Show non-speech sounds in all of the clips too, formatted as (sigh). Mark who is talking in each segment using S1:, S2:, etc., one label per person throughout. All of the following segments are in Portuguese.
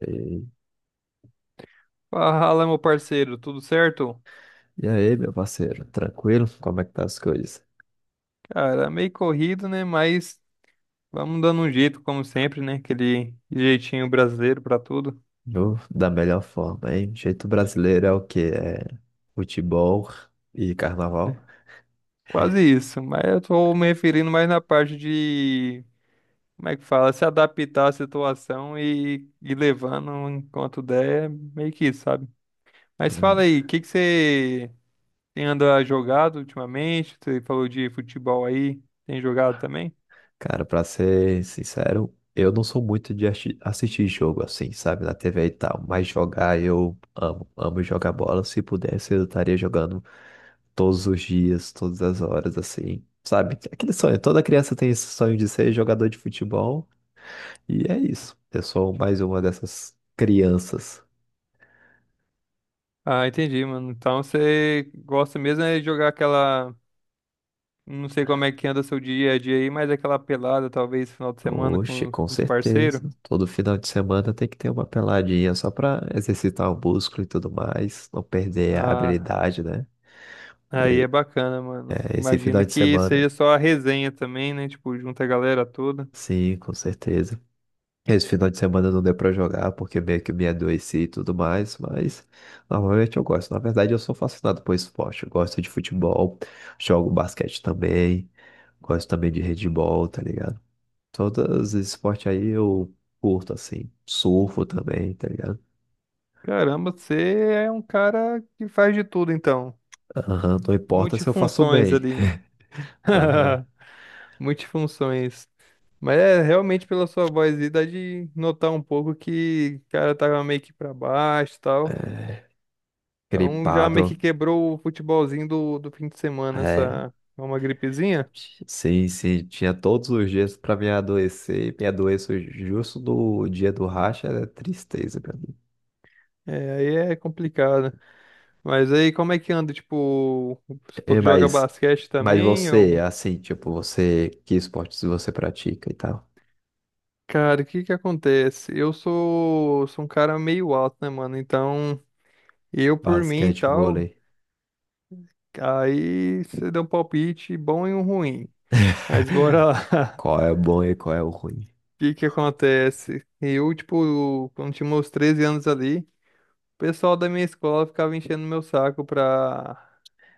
S1: E,
S2: Fala, meu parceiro, tudo certo?
S1: e aí, meu parceiro, tranquilo? Como é que tá as coisas?
S2: Cara, meio corrido, né? Mas vamos dando um jeito, como sempre, né? Aquele jeitinho brasileiro pra tudo.
S1: Eu, da melhor forma, hein? Jeito brasileiro é o quê? É futebol e carnaval?
S2: Né? Quase isso, mas eu tô me referindo mais na parte de, como é que fala, se adaptar à situação e levando enquanto der, é meio que isso, sabe? Mas fala
S1: Hum.
S2: aí, o que que você tem andado jogado ultimamente? Você falou de futebol aí, tem jogado também?
S1: Cara, pra ser sincero, eu não sou muito de assistir jogo assim, sabe, na TV e tal, mas jogar eu amo, amo jogar bola. Se pudesse, eu estaria jogando todos os dias, todas as horas, assim, sabe? Aquele sonho, toda criança tem esse sonho de ser jogador de futebol. E é isso. Eu sou mais uma dessas crianças.
S2: Ah, entendi, mano. Então você gosta mesmo é de jogar aquela. Não sei como é que anda seu dia a dia aí, mas aquela pelada, talvez, final de semana
S1: Oxe,
S2: com
S1: com
S2: com os parceiros.
S1: certeza. Todo final de semana tem que ter uma peladinha só pra exercitar o músculo e tudo mais, não perder a
S2: Ah,
S1: habilidade, né?
S2: aí é bacana, mano.
S1: É, esse final
S2: Imagino
S1: de
S2: que
S1: semana,
S2: seja só a resenha também, né? Tipo, junta a galera toda.
S1: sim, com certeza. Esse final de semana não deu pra jogar porque meio que me adoeci e tudo mais, mas normalmente eu gosto. Na verdade, eu sou fascinado por esporte. Eu gosto de futebol, jogo basquete também, gosto também de handebol, tá ligado? Todos os esportes aí eu curto, assim. Surfo também, tá ligado?
S2: Caramba, você é um cara que faz de tudo, então.
S1: Aham, não importa se eu faço
S2: Multifunções
S1: bem.
S2: ali.
S1: Aham,
S2: (laughs) Multifunções. Mas é realmente pela sua voz aí, dá de notar um pouco que o cara tava meio que pra baixo e tal. Então já meio que
S1: gripado.
S2: quebrou o futebolzinho do fim de semana,
S1: É,
S2: essa uma gripezinha.
S1: sim, sim. Tinha todos os dias pra me adoecer, e me adoeço justo no dia do racha, é tristeza pra mim.
S2: É, aí é complicado. Mas aí como é que anda? Tipo, supor
S1: É,
S2: que joga basquete
S1: mas
S2: também?
S1: você,
S2: Ou...
S1: assim, tipo, você, que esportes você pratica e tal?
S2: Cara, o que que acontece? Eu sou um cara meio alto, né, mano? Então, eu por mim e
S1: Basquete,
S2: tal,
S1: vôlei.
S2: aí você deu um palpite bom e um ruim. Mas bora lá.
S1: (laughs)
S2: (laughs)
S1: Qual é o bom e qual é o ruim?
S2: O que que acontece? Eu, tipo, quando tinha meus 13 anos ali. O pessoal da minha escola ficava enchendo meu saco pra...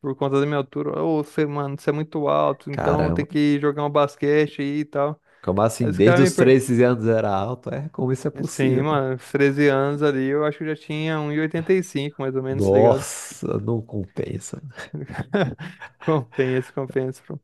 S2: por conta da minha altura. Ô, você, mano, você é muito alto, então
S1: Caramba.
S2: tem que jogar um basquete aí e tal.
S1: Como
S2: Aí
S1: assim?
S2: os
S1: Desde
S2: caras me.
S1: os
S2: Per...
S1: 13 anos era alto? É, como isso é
S2: Sim,
S1: possível, pô?
S2: mano, uns 13 anos ali, eu acho que eu já tinha um e oitenta e cinco, mais ou menos, tá ligado?
S1: Nossa, não compensa.
S2: (laughs) Compensa, compensa, pô.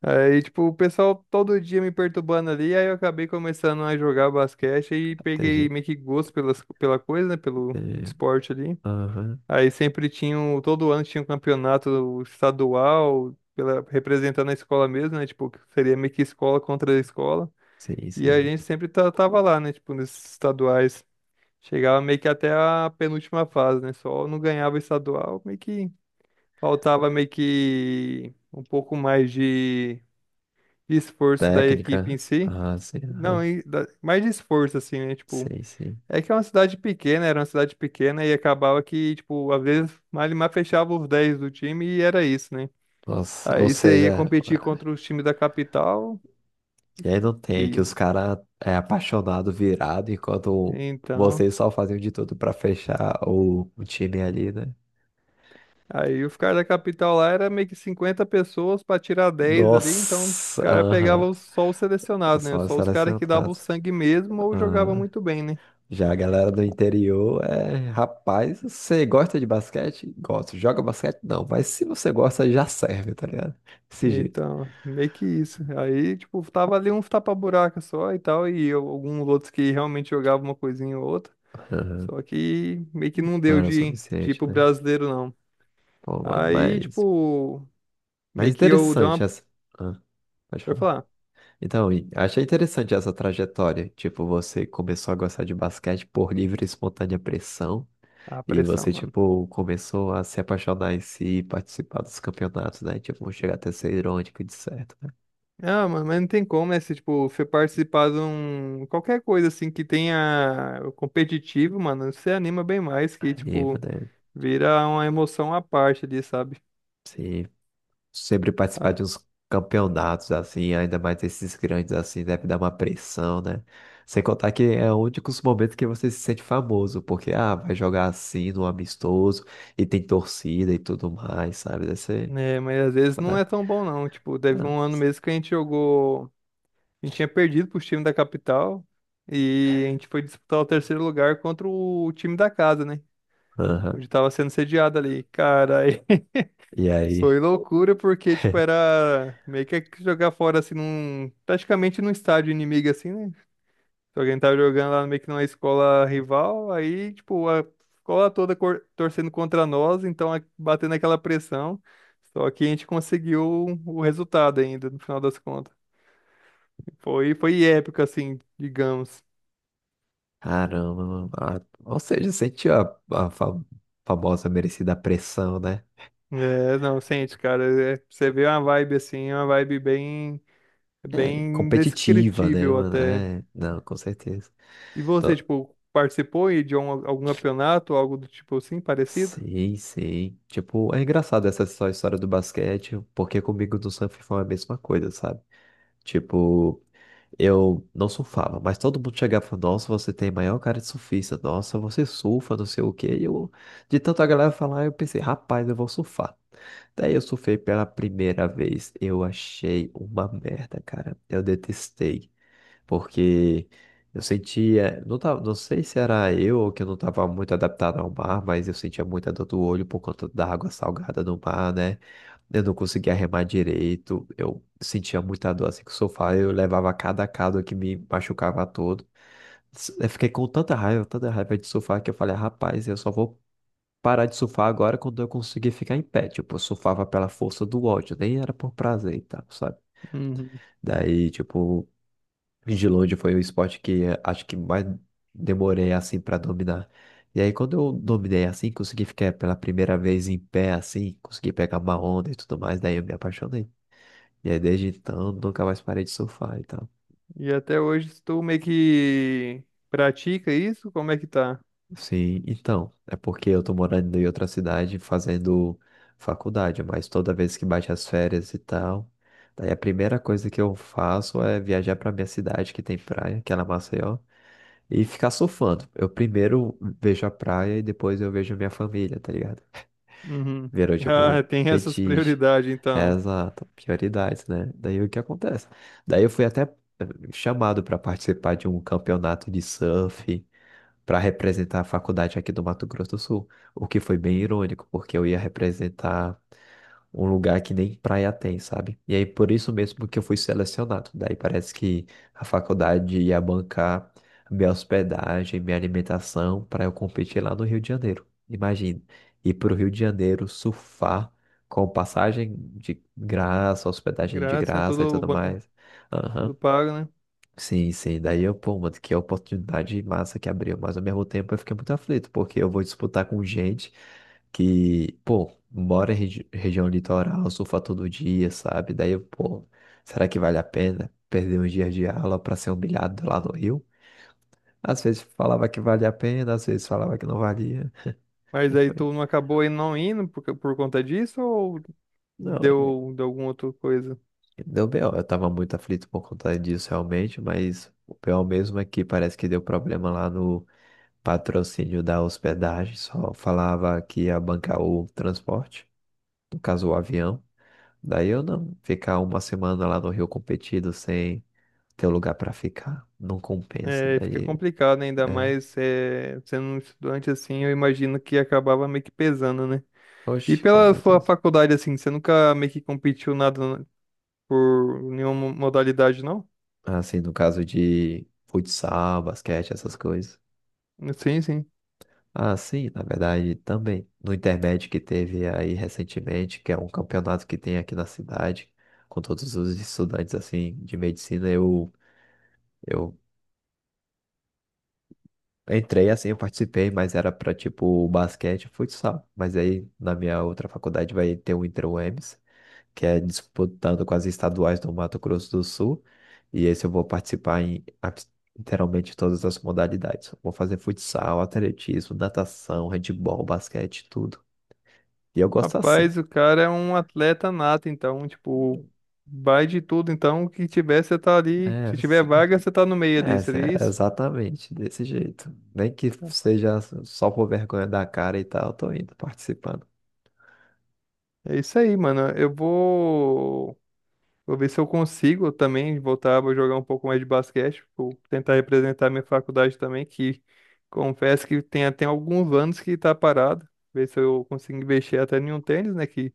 S2: Aí, tipo, o pessoal todo dia me perturbando ali, aí eu acabei começando a jogar basquete e peguei
S1: Entendi,
S2: meio que gosto pela coisa, né, pelo
S1: entendi.
S2: esporte ali.
S1: Aham,
S2: Aí sempre tinha, todo ano tinha um campeonato estadual, pela, representando a escola mesmo, né? Tipo, que seria meio que escola contra a escola.
S1: sim,
S2: E a
S1: sim.
S2: gente sempre tava lá, né? Tipo, nesses estaduais. Chegava meio que até a penúltima fase, né? Só não ganhava estadual, meio que faltava meio que um pouco mais de esforço da equipe em
S1: Técnica?
S2: si.
S1: Ah, sim,
S2: Não,
S1: aham.
S2: e mais de esforço, assim, né? Tipo.
S1: Sim, sim.
S2: É que é uma cidade pequena, era uma cidade pequena e acabava que, tipo, às vezes Malimar fechava os 10 do time e era isso, né?
S1: Nossa, ou
S2: Aí você ia
S1: seja,
S2: competir contra os times da capital,
S1: e aí não tem que
S2: que
S1: os caras é apaixonado, virado, enquanto
S2: então.
S1: vocês só faziam de tudo pra fechar o time ali, né?
S2: Aí os caras da capital lá era meio que 50 pessoas pra tirar dez ali, então os
S1: Nossa,
S2: caras
S1: aham.
S2: pegavam só os selecionados, né?
S1: Só
S2: Só os caras que davam
S1: selecionado.
S2: o sangue mesmo ou jogavam muito bem, né?
S1: Já a galera do interior é, rapaz, você gosta de basquete? Gosto. Joga basquete? Não, mas se você gosta, já serve, tá ligado? Desse jeito.
S2: Então, meio que isso. Aí, tipo, tava ali uns tapa-buraca só e tal, e alguns outros que realmente jogavam uma coisinha ou outra.
S1: Aham.
S2: Só que meio que não
S1: Não
S2: deu
S1: era o
S2: de ir
S1: suficiente,
S2: pro
S1: né?
S2: brasileiro, não.
S1: Pô, mano,
S2: Aí, tipo,
S1: mas
S2: meio que eu dou
S1: interessante
S2: uma.
S1: essa. Ah, pode
S2: Eu
S1: falar.
S2: falar,
S1: Então, e achei interessante essa trajetória. Tipo, você começou a gostar de basquete por livre e espontânea pressão.
S2: ah,
S1: E
S2: pressão,
S1: você,
S2: mano.
S1: tipo, começou a se apaixonar em si e participar dos campeonatos, né? Tipo, chegar até ser irônico de certo, né?
S2: Ah, mano, mas não tem como, né? Se, tipo, você participar de um. Qualquer coisa, assim, que tenha o competitivo, mano, você anima bem mais, que,
S1: Anima,
S2: tipo,
S1: né?
S2: vira uma emoção à parte ali, sabe?
S1: Sim, sempre participar
S2: Ah,
S1: de uns campeonatos assim, ainda mais esses grandes assim, deve dar uma pressão, né? Sem contar que é o único momentos que você se sente famoso, porque ah, vai jogar assim no amistoso e tem torcida e tudo mais, sabe? Deve ser.
S2: né, mas às vezes não
S1: Né?
S2: é tão bom, não. Tipo, teve
S1: Não.
S2: um ano mesmo que a gente jogou. A gente tinha perdido pros times da capital. E a gente foi disputar o terceiro lugar contra o time da casa, né?
S1: Aham.
S2: Onde tava sendo sediado ali. Cara, aí (laughs)
S1: E
S2: foi
S1: aí?
S2: loucura porque, tipo,
S1: (laughs)
S2: era meio que jogar fora, assim, num... praticamente num estádio inimigo, assim, né? Se alguém tava jogando lá meio que numa escola rival, aí, tipo, a escola toda torcendo contra nós, então batendo aquela pressão. Só que a gente conseguiu o resultado ainda, no final das contas. Foi, foi épico, assim, digamos.
S1: Caramba, mano. Ah, ou seja, sentiu a, a famosa merecida pressão, né?
S2: É, não, sente, cara. É, você vê uma vibe assim, uma vibe bem,
S1: É,
S2: bem
S1: competitiva, né,
S2: indescritível
S1: mano?
S2: até.
S1: É, não, com certeza.
S2: E você, tipo, participou aí de algum campeonato, algo do tipo assim, parecido?
S1: Sei, sei. Tipo, é engraçado essa só história do basquete, porque comigo no surf foi a mesma coisa, sabe? Tipo, eu não surfava, mas todo mundo chegava e falava, nossa, você tem maior cara de surfista, nossa, você surfa, não sei o quê. E eu, de tanta galera falar, eu pensei, rapaz, eu vou surfar. Daí eu surfei pela primeira vez, eu achei uma merda, cara. Eu detestei. Porque eu sentia, não tava, não sei se era eu ou que eu não estava muito adaptado ao mar, mas eu sentia muita dor do olho por conta da água salgada no mar, né? Eu não conseguia remar direito, eu sentia muita dor assim com o sofá, eu levava cada cado que me machucava todo. Eu fiquei com tanta raiva de surfar que eu falei, rapaz, eu só vou parar de surfar agora quando eu conseguir ficar em pé. Tipo, eu surfava pela força do ódio, nem era por prazer e tal, sabe?
S2: Uhum.
S1: Daí, tipo, de longe foi o esporte que acho que mais demorei assim para dominar. E aí quando eu dominei assim, consegui ficar pela primeira vez em pé assim, consegui pegar uma onda e tudo mais, daí eu me apaixonei. E aí desde então nunca mais parei de surfar e tal.
S2: E até hoje tu meio que pratica isso? Como é que tá?
S1: Sim, então, é porque eu tô morando em outra cidade fazendo faculdade, mas toda vez que bate as férias e tal, daí a primeira coisa que eu faço é viajar pra minha cidade que tem praia, que é lá em Maceió. E ficar surfando. Eu primeiro vejo a praia e depois eu vejo minha família, tá ligado?
S2: Uhum. (laughs)
S1: Virou tipo
S2: Ah,
S1: um
S2: tem essas
S1: fetiche.
S2: prioridades,
S1: É,
S2: então.
S1: exato, prioridades, né? Daí o que acontece? Daí eu fui até chamado para participar de um campeonato de surf para representar a faculdade aqui do Mato Grosso do Sul, o que foi bem irônico, porque eu ia representar um lugar que nem praia tem, sabe? E aí por isso mesmo que eu fui selecionado. Daí parece que a faculdade ia bancar minha hospedagem, minha alimentação para eu competir lá no Rio de Janeiro. Imagina, ir para o Rio de Janeiro surfar com passagem de graça, hospedagem de
S2: Grátis, né?
S1: graça e tudo mais. Aham.
S2: Tudo pago, né?
S1: Sim, sim. Daí eu, pô, mano, que oportunidade massa que abriu. Mas ao mesmo tempo eu fiquei muito aflito, porque eu vou disputar com gente que, pô, mora em região litoral, surfa todo dia, sabe? Daí eu, pô, será que vale a pena perder uns dias de aula pra ser humilhado lá no Rio? Às vezes falava que valia a pena, às vezes falava que não valia.
S2: Mas
S1: E
S2: aí
S1: foi.
S2: tu não acabou aí não indo por conta disso ou
S1: Não, é,
S2: deu alguma outra coisa?
S1: deu B.O. Eu tava muito aflito por conta disso realmente, mas o pior mesmo é que parece que deu problema lá patrocínio da hospedagem, só falava que ia bancar o transporte, no caso o avião. Daí eu não ficar uma semana lá no Rio competido sem ter lugar para ficar, não compensa.
S2: É, fica
S1: Daí
S2: complicado, né? Ainda
S1: é,
S2: mais é, sendo um estudante assim, eu imagino que acabava meio que pesando, né? E
S1: oxe, com
S2: pela sua
S1: certeza.
S2: faculdade, assim, você nunca meio que competiu nada por nenhuma modalidade, não?
S1: Assim, no caso de futsal, basquete, essas coisas.
S2: Sim, sim.
S1: Ah, sim, na verdade também. No Intermédio que teve aí recentemente, que é um campeonato que tem aqui na cidade, com todos os estudantes assim de medicina, eu eu entrei assim, eu participei, mas era pra tipo basquete e futsal. Mas aí na minha outra faculdade vai ter o Inter-UEMS, que é disputando com as estaduais do Mato Grosso do Sul. E esse eu vou participar em literalmente todas as modalidades. Vou fazer futsal, atletismo, natação, handebol, basquete, tudo. E eu gosto assim.
S2: Rapaz, o cara é um atleta nato, então, tipo, vai de tudo. Então, o que tiver, você tá ali. Se
S1: É,
S2: tiver vaga, você tá no meio ali, seria
S1: é
S2: isso?
S1: exatamente desse jeito. Nem que seja só por vergonha da cara e tal, eu tô indo participando.
S2: É isso aí, mano. Eu vou. Vou ver se eu consigo também voltar, vou jogar um pouco mais de basquete, vou tentar representar minha faculdade também, que confesso que tem até alguns anos que tá parado. Ver se eu consigo investir até em um tênis, né? Que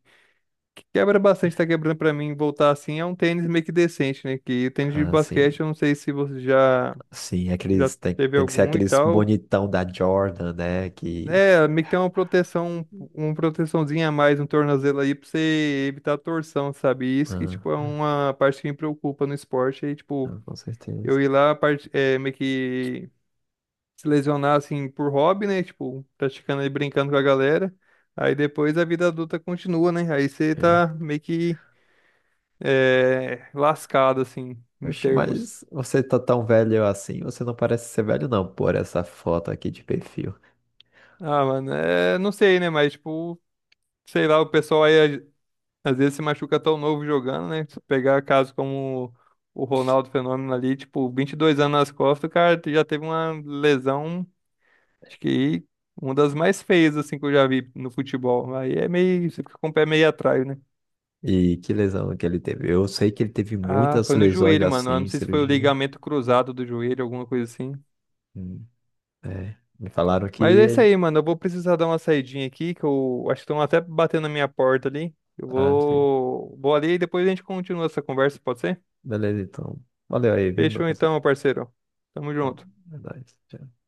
S2: quebra bastante, tá quebrando pra mim voltar assim. É um tênis meio que decente, né? Que tênis de
S1: Ah, sim.
S2: basquete, eu não sei se você já,
S1: Sim,
S2: já
S1: aqueles, tem,
S2: teve
S1: tem que ser
S2: algum e
S1: aqueles
S2: tal.
S1: bonitão da Jordan, né? Que.
S2: É, meio que tem uma proteção, uma proteçãozinha a mais no tornozelo aí pra você evitar a torção, sabe? E isso que, tipo, é
S1: Ah,
S2: uma parte que me preocupa no esporte. Aí, tipo,
S1: não, com certeza.
S2: eu ir lá, parte, é, meio que se lesionar, assim, por hobby, né? Tipo, praticando e brincando com a galera. Aí depois a vida adulta continua, né? Aí você tá
S1: É.
S2: meio que é, lascado, assim, em
S1: Oxe,
S2: termos.
S1: mas você tá tão velho assim, você não parece ser velho, não, por essa foto aqui de perfil.
S2: Ah, mano, é, não sei, né? Mas, tipo, sei lá, o pessoal aí às vezes se machuca tão novo jogando, né? Se pegar caso como o Ronaldo Fenômeno ali, tipo, 22 anos nas costas, o cara já teve uma lesão, acho que uma das mais feias, assim, que eu já vi no futebol. Aí é meio, você fica com o pé meio atrás, né?
S1: E que lesão que ele teve. Eu sei que ele teve
S2: Ah,
S1: muitas
S2: foi no
S1: lesões
S2: joelho, mano. Eu não
S1: assim,
S2: sei se foi o
S1: cirurgia.
S2: ligamento cruzado do joelho, alguma coisa assim.
S1: Hum, é. Me falaram
S2: Mas é isso
S1: que.
S2: aí, mano. Eu vou precisar dar uma saidinha aqui, que eu acho que estão até batendo na minha porta ali. Eu
S1: Ah, sim.
S2: vou, vou ali e depois a gente continua essa conversa, pode ser?
S1: Beleza, então. Valeu aí, viu, meu
S2: Fechou então,
S1: parceiro?
S2: meu parceiro. Tamo
S1: É,
S2: junto.
S1: é nóis. Tchau.